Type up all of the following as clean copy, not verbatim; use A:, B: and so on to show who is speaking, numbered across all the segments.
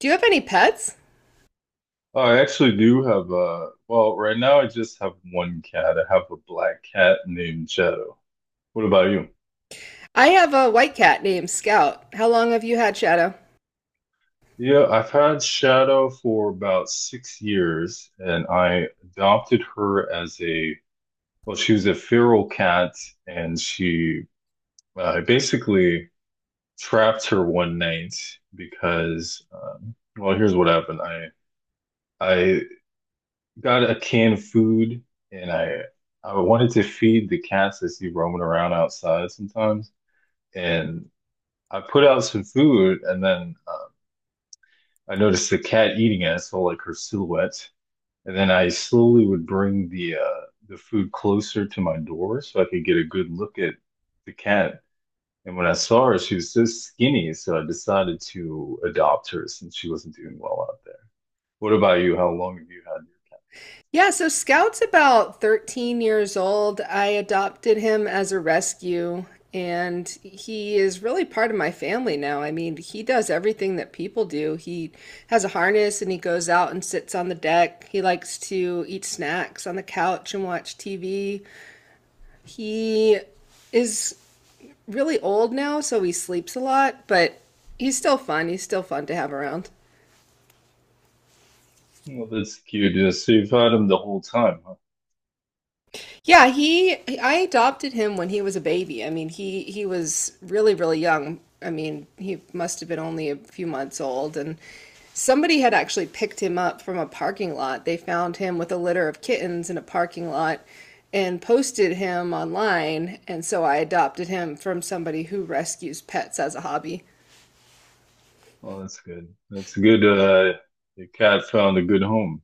A: Do you have any pets?
B: I actually do have well, right now I just have one cat. I have a black cat named Shadow. What about you?
A: I have a white cat named Scout. How long have you had Shadow?
B: Yeah, I've had Shadow for about 6 years, and I adopted her as a, well, she was a feral cat, and she, I basically trapped her one night because, well, here's what happened. I got a can of food and I wanted to feed the cats I see roaming around outside sometimes. And I put out some food, and then I noticed the cat eating it. I saw like her silhouette. And then I slowly would bring the food closer to my door so I could get a good look at the cat. And when I saw her, she was so skinny, so I decided to adopt her since she wasn't doing well out there. What about you? How long have you had your
A: Yeah, so Scout's about 13 years old. I adopted him as a rescue, and he is really part of my family now. I mean, he does everything that people do. He has a harness and he goes out and sits on the deck. He likes to eat snacks on the couch and watch TV. He is really old now, so he sleeps a lot, but he's still fun. He's still fun to have around.
B: well, that's cute. Yeah, so you've had him the whole time, huh?
A: Yeah, he I adopted him when he was a baby. I mean, he was really young. I mean, he must have been only a few months old, and somebody had actually picked him up from a parking lot. They found him with a litter of kittens in a parking lot and posted him online, and so I adopted him from somebody who rescues pets as a hobby.
B: Oh, that's good. That's good. The cat found a good home.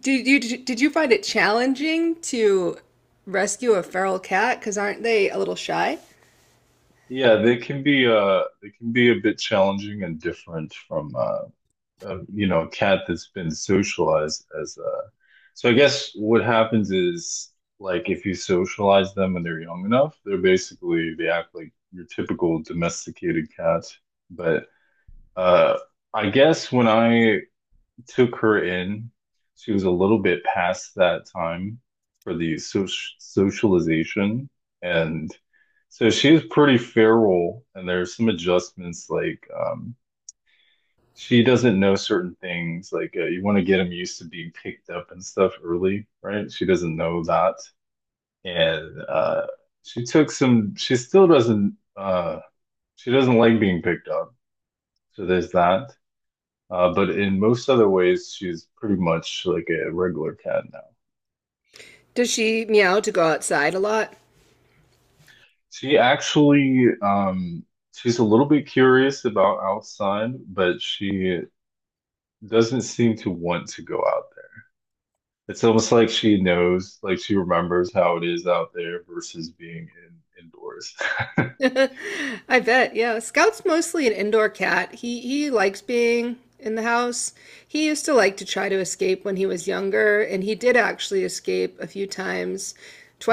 A: Did you find it challenging to rescue a feral cat? Because aren't they a little shy?
B: Yeah, they can be a bit challenging and different from a cat that's been socialized as. So I guess what happens is, like if you socialize them and they're young enough, they're basically they act like your typical domesticated cat. But uh, I guess when I took her in. She was a little bit past that time for the socialization. And so she was pretty feral, and there's some adjustments, like she doesn't know certain things. Like you want to get them used to being picked up and stuff early, right? She doesn't know that. And she took some, she still doesn't, she doesn't like being picked up. So there's that. But in most other ways, she's pretty much like a regular cat now.
A: Does she meow to go outside a lot?
B: She actually, she's a little bit curious about outside, but she doesn't seem to want to go out there. It's almost like she knows, like she remembers how it is out there versus being in indoors.
A: I bet, yeah. Scout's mostly an indoor cat. He likes being in the house. He used to like to try to escape when he was younger, and he did actually escape a few times.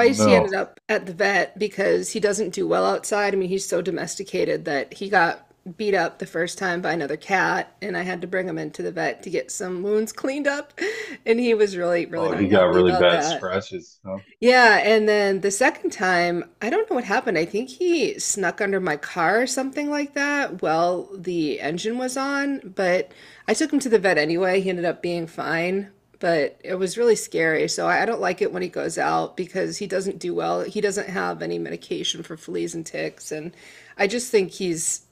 B: Oh
A: he
B: no.
A: ended up at the vet because he doesn't do well outside. I mean, he's so domesticated that he got beat up the first time by another cat, and I had to bring him into the vet to get some wounds cleaned up, and he was really, really
B: Oh,
A: not
B: he got
A: happy
B: really
A: about
B: bad
A: that.
B: scratches, huh?
A: Yeah, and then the second time, I don't know what happened. I think he snuck under my car or something like that while the engine was on, but I took him to the vet anyway. He ended up being fine, but it was really scary. So I don't like it when he goes out because he doesn't do well. He doesn't have any medication for fleas and ticks, and I just think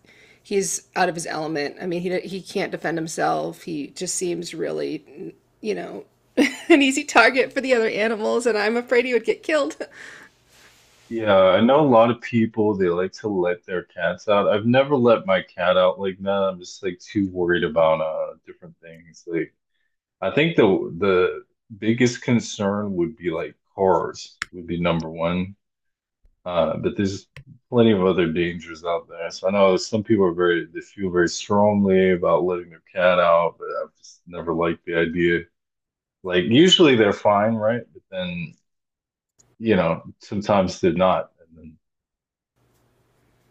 A: he's out of his element. I mean, he can't defend himself. He just seems really, you know, an easy target for the other animals, and I'm afraid he would get killed.
B: Yeah, I know a lot of people, they like to let their cats out. I've never let my cat out like that. I'm just like too worried about different things. Like I think the biggest concern would be, like, cars would be #1. But there's plenty of other dangers out there. So I know some people are very, they feel very strongly about letting their cat out, but I've just never liked the idea. Like usually they're fine, right? But then, sometimes they're not. And then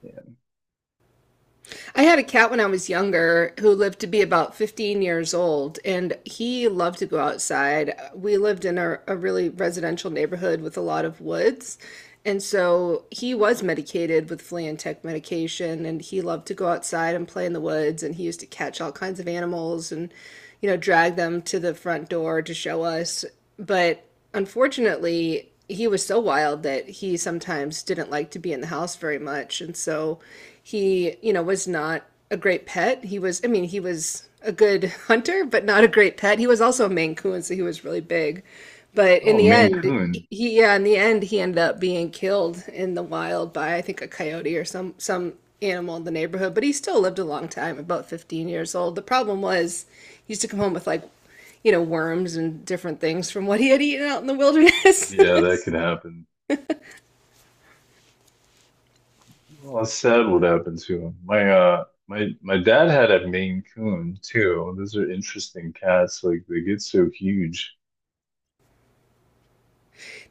B: yeah.
A: I had a cat when I was younger who lived to be about 15 years old, and he loved to go outside. We lived in a really residential neighborhood with a lot of woods. And so he was medicated with flea and tick medication, and he loved to go outside and play in the woods. And he used to catch all kinds of animals and, you know, drag them to the front door to show us. But unfortunately, he was so wild that he sometimes didn't like to be in the house very much. And so he, you know, was not a great pet. He was, I mean, he was a good hunter, but not a great pet. He was also a Maine Coon, so he was really big. But in
B: Oh,
A: the
B: Maine
A: end,
B: Coon.
A: he yeah, in the end he ended up being killed in the wild by I think a coyote or some animal in the neighborhood, but he still lived a long time, about 15 years old. The problem was he used to come home with, like, you know, worms and different things from what he had eaten out in the wilderness.
B: Yeah, that could happen. Well, that's sad would happen to him. My my dad had a Maine Coon too. Those are interesting cats. Like they get so huge.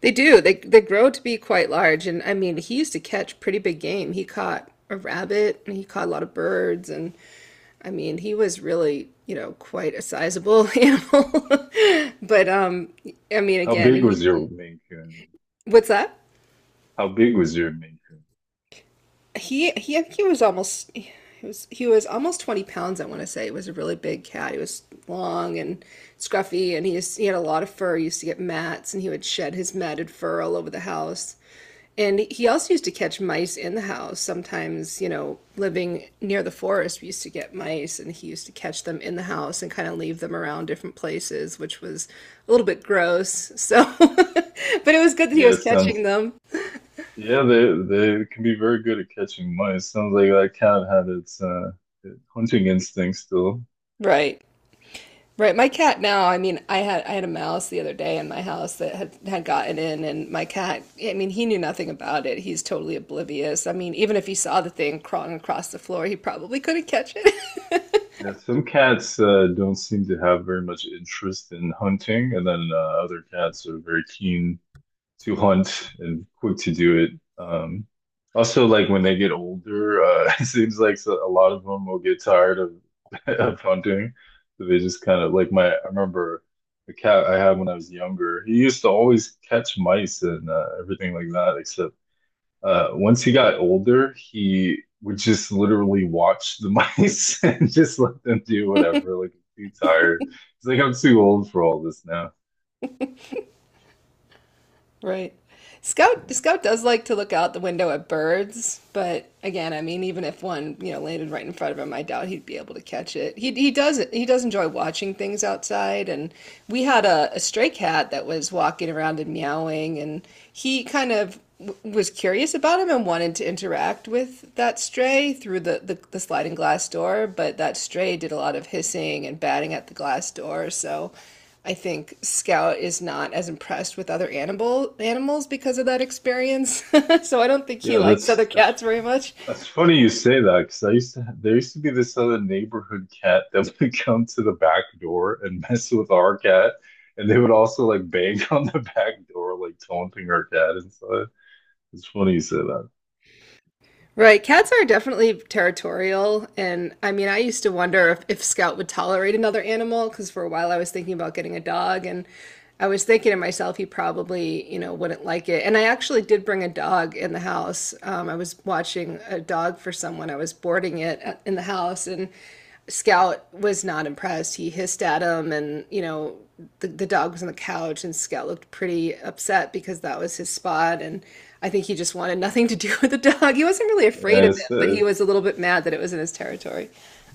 A: They do. They grow to be quite large, and I mean, he used to catch pretty big game. He caught a rabbit and he caught a lot of birds, and I mean, he was really, you know, quite a sizable animal. But I mean,
B: How
A: again,
B: big
A: he
B: was your Maine Coon?
A: what's that?
B: How big was your Maine Coon?
A: He he he was almost he he was almost 20 pounds, I want to say. He was a really big cat. He was long and scruffy, and he had a lot of fur. He used to get mats and he would shed his matted fur all over the house. And he also used to catch mice in the house. Sometimes, you know, living near the forest, we used to get mice and he used to catch them in the house and kind of leave them around different places, which was a little bit gross. So, but it was good that he
B: Yeah, it
A: was catching them.
B: they can be very good at catching mice. Sounds like that cat had its hunting instinct still.
A: Right. Right, my cat now, I mean, I had a mouse the other day in my house that had gotten in, and my cat, I mean, he knew nothing about it. He's totally oblivious. I mean, even if he saw the thing crawling across the floor, he probably couldn't catch it.
B: Yeah, some cats don't seem to have very much interest in hunting, and then other cats are very keen to hunt and quick to do it. Um, also, like when they get older, it seems like a lot of them will get tired of of hunting. So they just kind of like my. I remember the cat I had when I was younger. He used to always catch mice and everything like that. Except once he got older, he would just literally watch the mice and just let them do whatever. Like he's too tired. He's like, I'm too old for all this now.
A: Right. Scout
B: Yeah.
A: Scout does like to look out the window at birds, but again, I mean, even if one, you know, landed right in front of him, I doubt he'd be able to catch it. He does enjoy watching things outside, and we had a stray cat that was walking around and meowing, and he kind of w was curious about him and wanted to interact with that stray through the the sliding glass door, but that stray did a lot of hissing and batting at the glass door, so. I think Scout is not as impressed with other animals because of that experience. So I don't think he
B: Yeah,
A: likes other cats very much.
B: that's funny you say that because I used to there used to be this other neighborhood cat that would come to the back door and mess with our cat, and they would also like bang on the back door, like taunting our cat inside. It's funny you say that.
A: Right, cats are definitely territorial, and I mean, I used to wonder if, Scout would tolerate another animal because for a while I was thinking about getting a dog, and I was thinking to myself he probably, you know, wouldn't like it. And I actually did bring a dog in the house. I was watching a dog for someone. I was boarding it in the house, and Scout was not impressed. He hissed at him, and, you know, the dog was on the couch, and Scout looked pretty upset because that was his spot. And I think he just wanted nothing to do with the dog. He wasn't really afraid
B: Yeah,
A: of
B: it's,
A: it, but he was a little bit
B: it's-
A: mad that it was in his territory.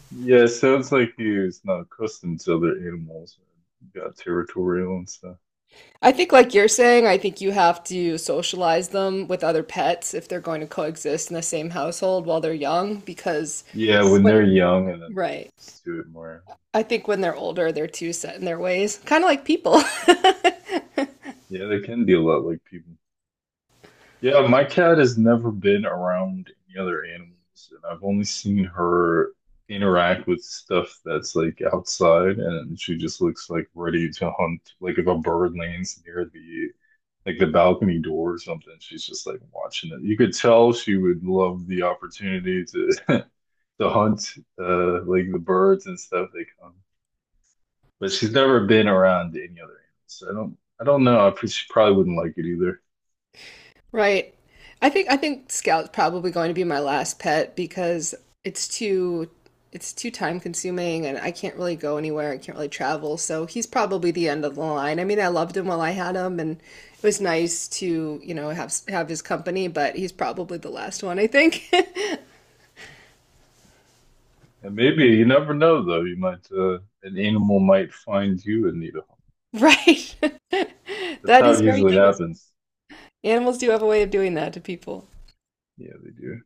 B: yeah, it sounds like you it's not accustomed to other animals. You got territorial and stuff.
A: I think, like you're saying, I think you have to socialize them with other pets if they're going to coexist in the same household while they're young, because
B: Yeah, when they're
A: when,
B: young, and then they get
A: right,
B: used to it more.
A: I think when they're older, they're too set in their ways, kind of like people.
B: Yeah, they can be a lot like people. Yeah, my cat has never been around any other animals, and I've only seen her interact with stuff that's like outside, and she just looks like ready to hunt. Like if a bird lands near the like the balcony door or something, she's just like watching it. You could tell she would love the opportunity to to hunt like the birds and stuff they come. But she's never been around any other animals. So I don't know. She probably wouldn't like it either.
A: Right. I think Scout's probably going to be my last pet because it's too it's too time consuming and I can't really go anywhere. I can't really travel. So he's probably the end of the line. I mean, I loved him while I had him and it was nice to, you know, have his company, but he's probably the last one, I think.
B: And maybe, you never know, though. You might, an animal might find you and need a home.
A: Right.
B: That's
A: That
B: how
A: is
B: it
A: very
B: usually
A: true.
B: happens.
A: Animals do have a way of doing that to people.
B: Yeah, they do.